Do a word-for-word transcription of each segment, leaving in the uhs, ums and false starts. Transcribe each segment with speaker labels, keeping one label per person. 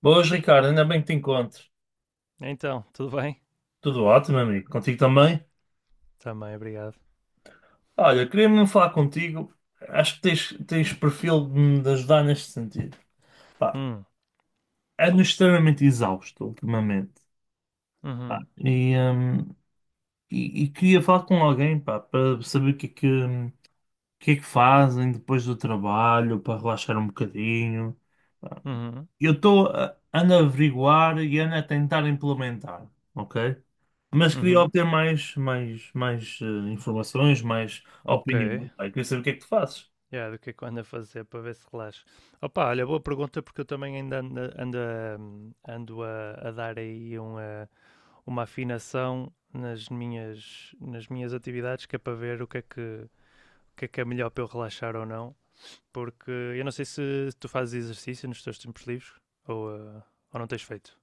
Speaker 1: Boas, Ricardo, ainda bem que te encontro.
Speaker 2: Então, tudo bem?
Speaker 1: Tudo ótimo, amigo. Contigo também?
Speaker 2: Também, obrigado.
Speaker 1: Olha, queria mesmo falar contigo. Acho que tens, tens perfil de me ajudar neste sentido. Pá,
Speaker 2: Hum,
Speaker 1: ando extremamente exausto ultimamente. Pá,
Speaker 2: uhum,
Speaker 1: e, hum, e- e queria falar com alguém, pá, para saber o que é que, hum, o que é que fazem depois do trabalho, para relaxar um bocadinho.
Speaker 2: uhum,
Speaker 1: Eu estou a ando a averiguar e ando a tentar implementar, ok? Mas queria
Speaker 2: uhum,
Speaker 1: obter mais, mais, mais eh, informações, mais
Speaker 2: ok.
Speaker 1: opiniões. Pá, eu queria saber o que é que tu fazes.
Speaker 2: Yeah, do que é que eu ando a fazer para ver se relaxo? Opa, olha, boa pergunta porque eu também ainda ando, ando, a, ando a, a dar aí uma, uma afinação nas minhas, nas minhas atividades que é para ver o que é que, o que é que é melhor para eu relaxar ou não. Porque eu não sei se tu fazes exercício nos teus tempos livres ou, eh, ou não tens feito.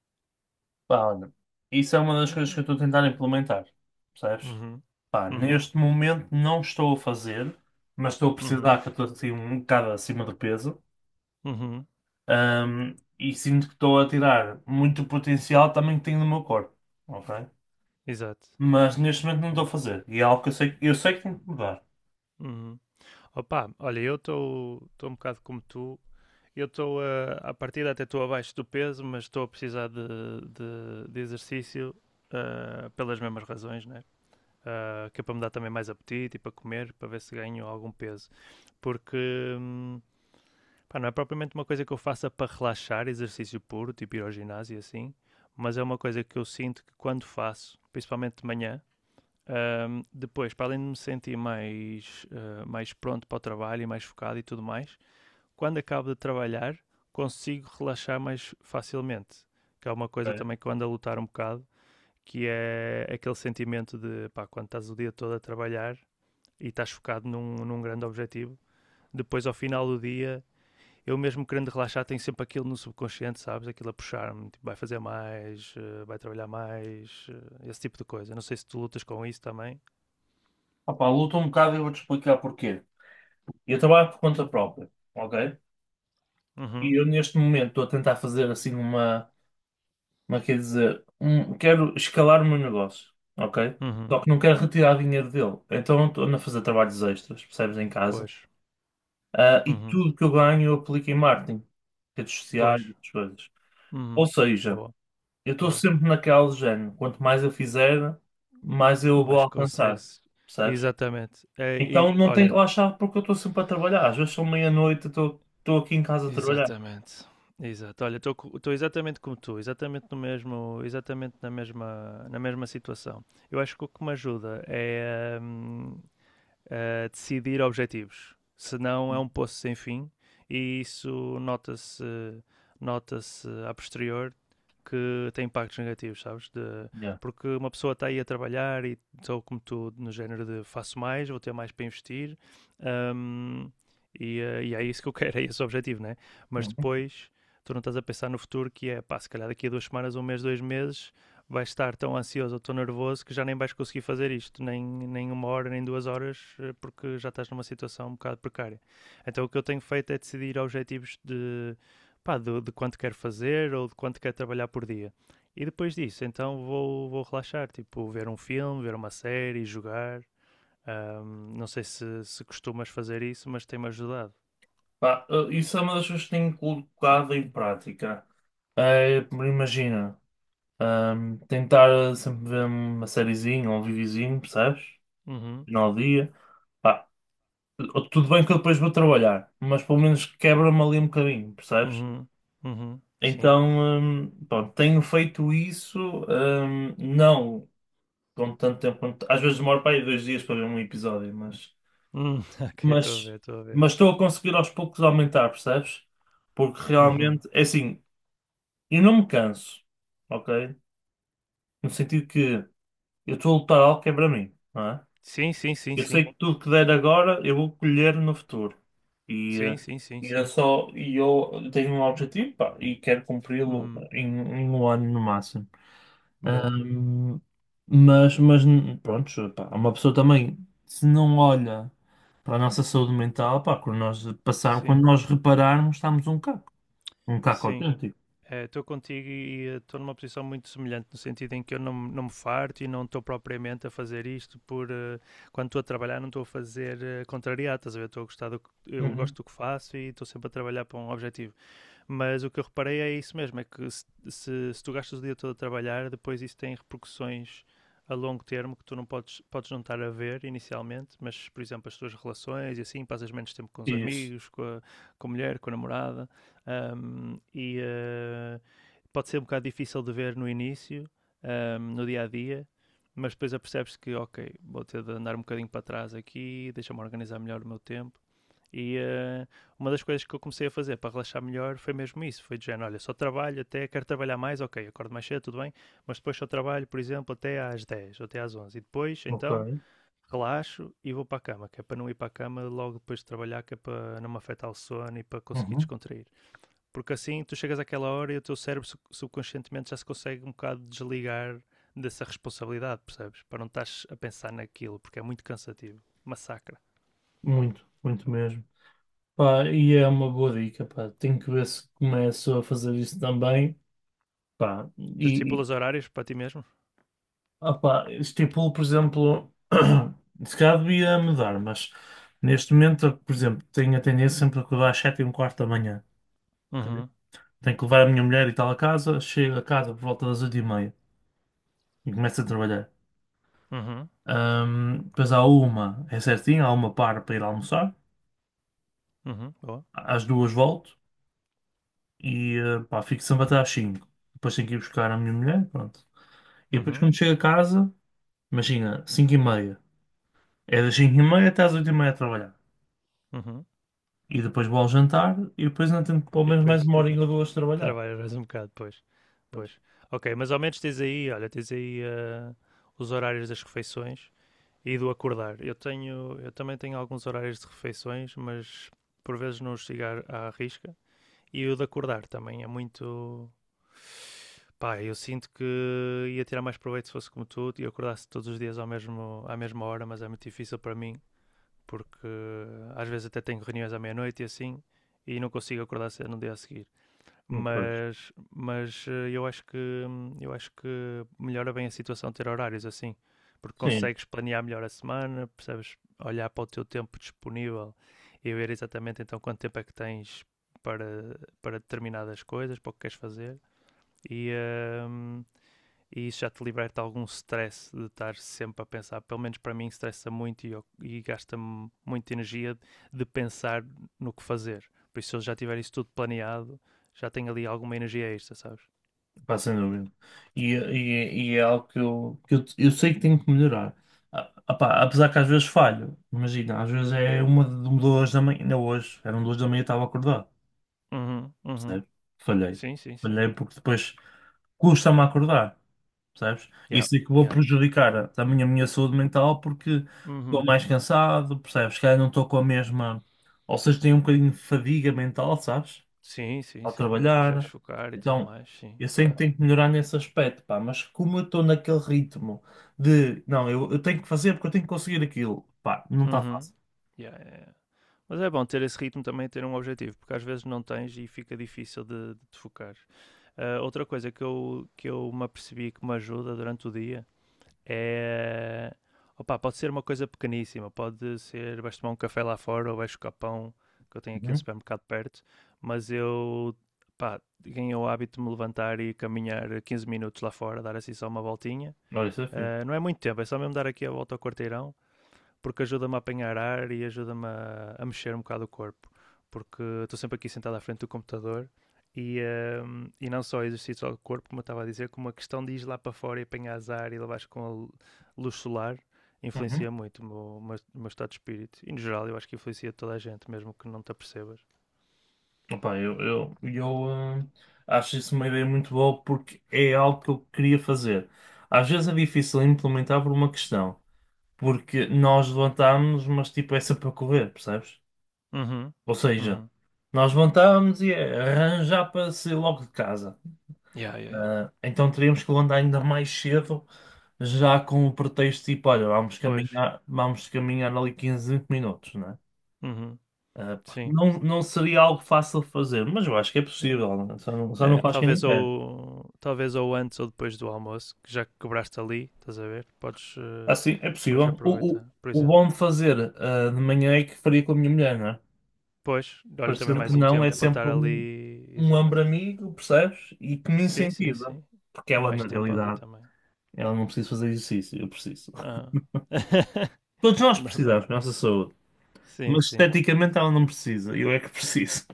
Speaker 1: Pá, olha, isso é uma das coisas que eu estou a tentar implementar, percebes?
Speaker 2: Uhum,
Speaker 1: Pá,
Speaker 2: uhum,
Speaker 1: neste momento não estou a fazer, mas estou a
Speaker 2: uhum,
Speaker 1: precisar, que eu estou assim um bocado acima do peso.
Speaker 2: uhum,
Speaker 1: Ahm, e sinto que estou a tirar muito potencial também que tenho no meu corpo, ok?
Speaker 2: exato.
Speaker 1: Mas neste momento não
Speaker 2: Yeah.
Speaker 1: estou a fazer. E é algo que eu sei, eu sei que tenho que mudar,
Speaker 2: Uhum. Opa, olha, eu estou estou um bocado como tu. Eu estou a, à partida até estou abaixo do peso, mas estou a precisar de, de, de exercício ah, pelas mesmas razões, né? Ah, que é para me dar também mais apetite e para comer, para ver se ganho algum peso. Porque hum, pá, não é propriamente uma coisa que eu faça para relaxar, exercício puro, tipo ir ao ginásio e assim, mas é uma coisa que eu sinto que quando faço, principalmente de manhã, Ahm, depois, para além de me sentir mais, ah, mais pronto para o trabalho e mais focado e tudo mais, quando acabo de trabalhar, consigo relaxar mais facilmente. Que é uma coisa
Speaker 1: ok?
Speaker 2: também que eu ando a lutar um bocado, que é aquele sentimento de pá, quando estás o dia todo a trabalhar e estás focado num, num grande objetivo, depois ao final do dia, eu mesmo querendo relaxar, tenho sempre aquilo no subconsciente, sabes? Aquilo a puxar-me, tipo, vai fazer mais, eh, vai trabalhar mais, eh, esse tipo de coisa. Não sei se tu lutas com isso também.
Speaker 1: Ah, luto um bocado e vou-te explicar porquê. Eu trabalho por conta própria, ok?
Speaker 2: Uhum.
Speaker 1: E eu neste momento estou a tentar fazer assim uma, uma quer dizer, um, quero escalar o meu negócio, ok? Só
Speaker 2: Uhum.
Speaker 1: que não quero retirar dinheiro dele. Então estou a fazer trabalhos extras, percebes, em casa.
Speaker 2: Pois.
Speaker 1: Ah, e
Speaker 2: Uhum.
Speaker 1: tudo que eu ganho eu aplico em marketing, redes sociais,
Speaker 2: Pois.
Speaker 1: outras coisas. Ou
Speaker 2: Uhum.
Speaker 1: seja,
Speaker 2: Boa,
Speaker 1: eu estou
Speaker 2: boa.
Speaker 1: sempre naquela do género, quanto mais eu fizer, mais eu vou
Speaker 2: Mas
Speaker 1: alcançar,
Speaker 2: consegues.
Speaker 1: percebes?
Speaker 2: Exatamente. É, e,
Speaker 1: Então não tenho que
Speaker 2: olha,
Speaker 1: relaxar porque eu estou sempre a trabalhar. Às vezes são meia-noite, eu estou estou aqui em casa a trabalhar.
Speaker 2: exatamente. Exato. Olha, estou exatamente como tu, exatamente no mesmo, exatamente na mesma, na mesma situação. Eu acho que o que me ajuda é hum, a decidir objetivos. Senão é um poço sem fim e isso nota-se nota-se a posterior que tem impactos negativos, sabes? De,
Speaker 1: Yeah.
Speaker 2: porque uma pessoa está aí a trabalhar e estou como tu, no género de faço mais, vou ter mais para investir hum, e, eh, e é isso que eu quero, é esse o objetivo, né? Mas
Speaker 1: Hum.
Speaker 2: depois tu não estás a pensar no futuro que é, pá, se calhar daqui a duas semanas, um mês, dois meses vais estar tão ansioso ou tão nervoso que já nem vais conseguir fazer isto, nem, nem uma hora, nem duas horas, eh, porque já estás numa situação um bocado precária. Então o que eu tenho feito é decidir objetivos de, pá, de, de quanto quero fazer ou de quanto quero trabalhar por dia. E depois disso, então vou, vou relaxar, tipo, ver um filme, ver uma série, jogar. Ahm, não sei se, se costumas fazer isso, mas tem-me ajudado.
Speaker 1: Pá, eh, isso é uma das coisas que tenho colocado em prática. É, imagina, ahm, tentar eh, sempre ver uma sériezinha ou um videozinho, percebes?
Speaker 2: Uhum,
Speaker 1: Final do dia. Pá, eh, tudo bem que eu depois vou trabalhar, mas pelo menos quebra-me ali um bocadinho, percebes?
Speaker 2: uhum, uhum, sim.
Speaker 1: Então, ahm, pronto, tenho feito isso, ahm, não com tanto tempo. quanto- Às vezes demoro para aí dois dias para ver um episódio, mas,
Speaker 2: Hum, ok, estou a ver,
Speaker 1: mas,
Speaker 2: estou a ver.
Speaker 1: mas estou a conseguir aos poucos aumentar, percebes? Porque
Speaker 2: Uhum.
Speaker 1: realmente, é assim. E não me canso, ok? No sentido que eu estou a lutar algo que é para mim, não é?
Speaker 2: Sim, sim, sim,
Speaker 1: Eu sei
Speaker 2: sim.
Speaker 1: que tudo que der agora eu vou colher no futuro. E,
Speaker 2: Sim,
Speaker 1: eh,
Speaker 2: sim, sim,
Speaker 1: e é
Speaker 2: sim.
Speaker 1: só, e eu tenho um objetivo, pá, e quero cumpri-lo
Speaker 2: Uhum.
Speaker 1: em, em um ano no máximo.
Speaker 2: Boa.
Speaker 1: Ahm, mas, mas pronto, pá, uma pessoa também, se não olha para a nossa saúde mental, pá, quando nós passarmos, quando
Speaker 2: Sim,
Speaker 1: nós repararmos, estamos um caco, um caco
Speaker 2: sim.
Speaker 1: autêntico.
Speaker 2: Eh, Estou contigo e estou numa posição muito semelhante, no sentido em que eu não, me- não me farto e não estou propriamente a fazer isto por... eh, quando estou a trabalhar não estou a fazer eh, contrariado, estás a ver? Estou a gostar do que... Eu
Speaker 1: Uhum.
Speaker 2: gosto do que faço e estou sempre a trabalhar para um objetivo. Mas o que eu reparei é isso mesmo: é que se, se, se tu gastas o dia todo a trabalhar, depois isso tem repercussões a longo termo que tu não podes, podes não estar a ver inicialmente, mas, por exemplo, as tuas relações e assim, passas menos tempo com os
Speaker 1: Isso.
Speaker 2: amigos, com a, com a mulher, com a namorada, um, e uh, pode ser um bocado difícil de ver no início, um, no dia a dia, mas depois apercebes que, ok, vou ter de andar um bocadinho para trás aqui, deixa-me organizar melhor o meu tempo. E eh, uma das coisas que eu comecei a fazer para relaxar melhor foi mesmo isso. Foi de género, olha, só trabalho até, quero trabalhar mais, ok, acordo mais cedo, tudo bem, mas depois só trabalho, por exemplo, até às dez ou até às onze. E depois,
Speaker 1: Ok.
Speaker 2: então, relaxo e vou para a cama, que é para não ir para a cama logo depois de trabalhar, que é para não me afetar o sono e para conseguir
Speaker 1: Uhum.
Speaker 2: descontrair. Porque assim, tu chegas àquela hora e o teu cérebro subconscientemente já se consegue um bocado desligar dessa responsabilidade, percebes? Para não estás a pensar naquilo, porque é muito cansativo. Massacra.
Speaker 1: Muito, muito mesmo. Pá, e é uma boa dica, pá. Tenho que ver se começo a fazer isso também, pá.
Speaker 2: Tu
Speaker 1: E, e,
Speaker 2: estipulas horários para ti mesmo?
Speaker 1: ah, pá, estipulo, por exemplo, se calhar devia mudar, mas neste momento, eu, por exemplo, tenho a tendência sempre a acordar às sete e um quarto da manhã. Ok?
Speaker 2: Uhum.
Speaker 1: Tenho que levar a minha mulher e tal a casa, chego a casa por volta das oito e meia e começo a trabalhar.
Speaker 2: Uhum,
Speaker 1: Ahm, depois há uma, é certinho, há uma para para ir almoçar,
Speaker 2: uhum, boa.
Speaker 1: às duas volto. E eh, pá, fico sempre até às cinco. Depois tenho que ir buscar a minha mulher, pronto. E depois
Speaker 2: Uhum,
Speaker 1: quando chego a casa, imagina, cinco e meia. É das cinco e meia até às oito e meia a trabalhar.
Speaker 2: uhum.
Speaker 1: E depois vou ao jantar e depois ainda tenho pelo
Speaker 2: E
Speaker 1: menos mais
Speaker 2: depois
Speaker 1: uma
Speaker 2: te-
Speaker 1: horinha ou duas de trabalhar.
Speaker 2: trabalhas mais um bocado, pois.
Speaker 1: Pois.
Speaker 2: Pois. Ok, mas ao menos tens aí, olha, tens aí ah, os horários das refeições e do acordar. Eu tenho, eu também tenho alguns horários de refeições, mas por vezes não os sigo à à risca. E o de acordar também é muito. Pá, eu sinto que ia tirar mais proveito se fosse como tu e eu acordasse todos os dias ao mesmo, à mesma hora, mas é muito difícil para mim porque eh, às vezes até tenho reuniões à meia-noite e assim, e não consigo acordar cedo no dia a seguir.
Speaker 1: Hum, pois.
Speaker 2: Mas, mas eh, eu acho que eu acho que melhora bem a situação ter horários assim, porque
Speaker 1: Sim,
Speaker 2: consegues planear melhor a semana, percebes, olhar para o teu tempo disponível e ver exatamente então quanto tempo é que tens para, para determinadas coisas, para o que queres fazer. E, ehm, e isso já te liberta algum stress de estar sempre a pensar. Pelo menos para mim, estressa muito e, e gasta-me muita energia de pensar no que fazer. Por isso, se eu já tiver isso tudo planeado, já tenho ali alguma energia extra, sabes?
Speaker 1: pá, sem dúvida. E, e- e é algo que eu, que eu, eu sei que tenho que melhorar. Ah, ah, pá, apesar que às vezes falho. Imagina, às vezes é uma, de- duas da manhã. Ainda hoje, eram duas da manhã e estava acordado.
Speaker 2: Uhum, uhum.
Speaker 1: Percebe? Falhei.
Speaker 2: Sim, sim, sim.
Speaker 1: Falhei porque depois custa-me a acordar, percebes?
Speaker 2: Yeah,
Speaker 1: Isso é que vou
Speaker 2: yeah.
Speaker 1: prejudicar também a minha saúde mental porque estou
Speaker 2: Uhum.
Speaker 1: mais cansado, percebes? Se calhar não estou com a mesma, ou seja, tenho um bocadinho de fadiga mental, sabes?
Speaker 2: Sim, sim,
Speaker 1: Ao
Speaker 2: sim. Não te consegues
Speaker 1: trabalhar.
Speaker 2: focar e tudo
Speaker 1: Então,
Speaker 2: mais, sim,
Speaker 1: eu sei que
Speaker 2: claro.
Speaker 1: tenho que melhorar nesse aspecto, pá, mas como eu estou naquele ritmo de, não, eu, eu tenho que fazer porque eu tenho que conseguir aquilo, pá, não está
Speaker 2: Uhum.
Speaker 1: fácil.
Speaker 2: Yeah, yeah, yeah. Mas é bom ter esse ritmo também, ter um objetivo, porque às vezes não tens e fica difícil de, de te focar. Ah, outra coisa que eu, que eu me apercebi que me ajuda durante o dia é. Opa, pode ser uma coisa pequeníssima, pode ser vais tomar um café lá fora ou vais buscar pão, que eu tenho aqui um
Speaker 1: Uhum.
Speaker 2: supermercado perto, mas eu pá, ganhei o hábito de me levantar e caminhar quinze minutos lá fora, dar assim só uma voltinha.
Speaker 1: Olha, isso é fixe.
Speaker 2: Ah, não é muito tempo, é só mesmo dar aqui a volta ao quarteirão porque ajuda-me a apanhar ar e ajuda-me a, a mexer um bocado o corpo. Porque estou sempre aqui sentado à frente do computador e, hum, e não só exercício ao corpo, como eu estava a dizer, como a questão de ir lá para fora e apanhar ar e levares com a luz solar
Speaker 1: Uhum.
Speaker 2: influencia muito o meu, o meu- o meu estado de espírito. E no geral eu acho que influencia toda a gente, mesmo que não te apercebas.
Speaker 1: Opa, eu, eu, eu ah, acho isso uma ideia muito boa porque é algo que eu queria fazer. Às vezes é difícil implementar por uma questão, porque nós levantámos, mas tipo é sempre para correr, percebes?
Speaker 2: Uhum.
Speaker 1: Ou seja,
Speaker 2: Uhum.
Speaker 1: nós levantámos e é arranjar para sair logo de casa.
Speaker 2: Yeah, yeah, yeah.
Speaker 1: Ah, então teríamos que levantar ainda mais cedo, já com o pretexto tipo, olha, vamos
Speaker 2: Pois.
Speaker 1: caminhar, vamos caminhar ali quinze vinte minutos, né?
Speaker 2: Uhum.
Speaker 1: Ah, pá,
Speaker 2: Sim.
Speaker 1: não, não seria algo fácil de fazer, mas eu acho que é possível, né? Só não, só não
Speaker 2: É,
Speaker 1: faz quem não
Speaker 2: talvez
Speaker 1: quer.
Speaker 2: ou talvez ou antes ou depois do almoço, que já que quebraste ali, estás a ver? Podes, eh,
Speaker 1: Assim, é
Speaker 2: podes
Speaker 1: possível. O, o,
Speaker 2: aproveitar, por
Speaker 1: o bom
Speaker 2: exemplo.
Speaker 1: de fazer ah, de manhã é que faria com a minha mulher, não é?
Speaker 2: Pois, olha também
Speaker 1: Parecendo que
Speaker 2: mais um
Speaker 1: não, é
Speaker 2: tempo para
Speaker 1: sempre
Speaker 2: estar
Speaker 1: um,
Speaker 2: ali,
Speaker 1: um
Speaker 2: exato.
Speaker 1: ombro amigo, percebes? E que me
Speaker 2: Sim, sim,
Speaker 1: incentiva.
Speaker 2: sim.
Speaker 1: Porque
Speaker 2: E
Speaker 1: ela,
Speaker 2: mais
Speaker 1: na
Speaker 2: tempo ali
Speaker 1: realidade,
Speaker 2: também.
Speaker 1: ela não precisa fazer exercício, eu preciso.
Speaker 2: Ah.
Speaker 1: Todos nós
Speaker 2: Ainda bem.
Speaker 1: precisamos da nossa saúde,
Speaker 2: Sim,
Speaker 1: mas
Speaker 2: sim.
Speaker 1: esteticamente ela não precisa, eu é que preciso.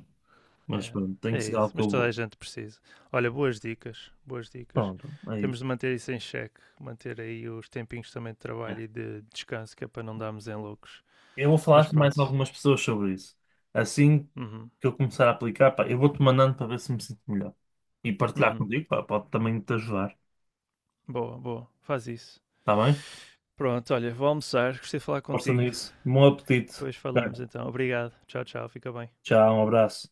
Speaker 1: Mas
Speaker 2: É.
Speaker 1: pronto, tem que
Speaker 2: É
Speaker 1: ser
Speaker 2: isso,
Speaker 1: algo que
Speaker 2: mas
Speaker 1: eu
Speaker 2: toda a
Speaker 1: vou.
Speaker 2: gente precisa. Olha, boas dicas, boas dicas.
Speaker 1: Pronto, é
Speaker 2: Temos
Speaker 1: isso.
Speaker 2: de manter isso em xeque, manter aí os tempinhos também de trabalho
Speaker 1: É.
Speaker 2: e de descanso, que é para não darmos em loucos.
Speaker 1: Eu vou
Speaker 2: Mas
Speaker 1: falar com mais
Speaker 2: pronto.
Speaker 1: algumas pessoas sobre isso. Assim
Speaker 2: Uhum.
Speaker 1: que eu começar a aplicar, pá, eu vou-te mandando para ver se me sinto melhor. E partilhar
Speaker 2: Uhum.
Speaker 1: contigo, pá, pode também te ajudar.
Speaker 2: Boa, boa. Faz isso.
Speaker 1: Está bem?
Speaker 2: Pronto, olha, vou almoçar. Gostei de falar
Speaker 1: Força
Speaker 2: contigo.
Speaker 1: nisso. Bom apetite.
Speaker 2: Depois
Speaker 1: Tá.
Speaker 2: falamos então. Obrigado. Tchau, tchau. Fica bem.
Speaker 1: Tchau, um abraço.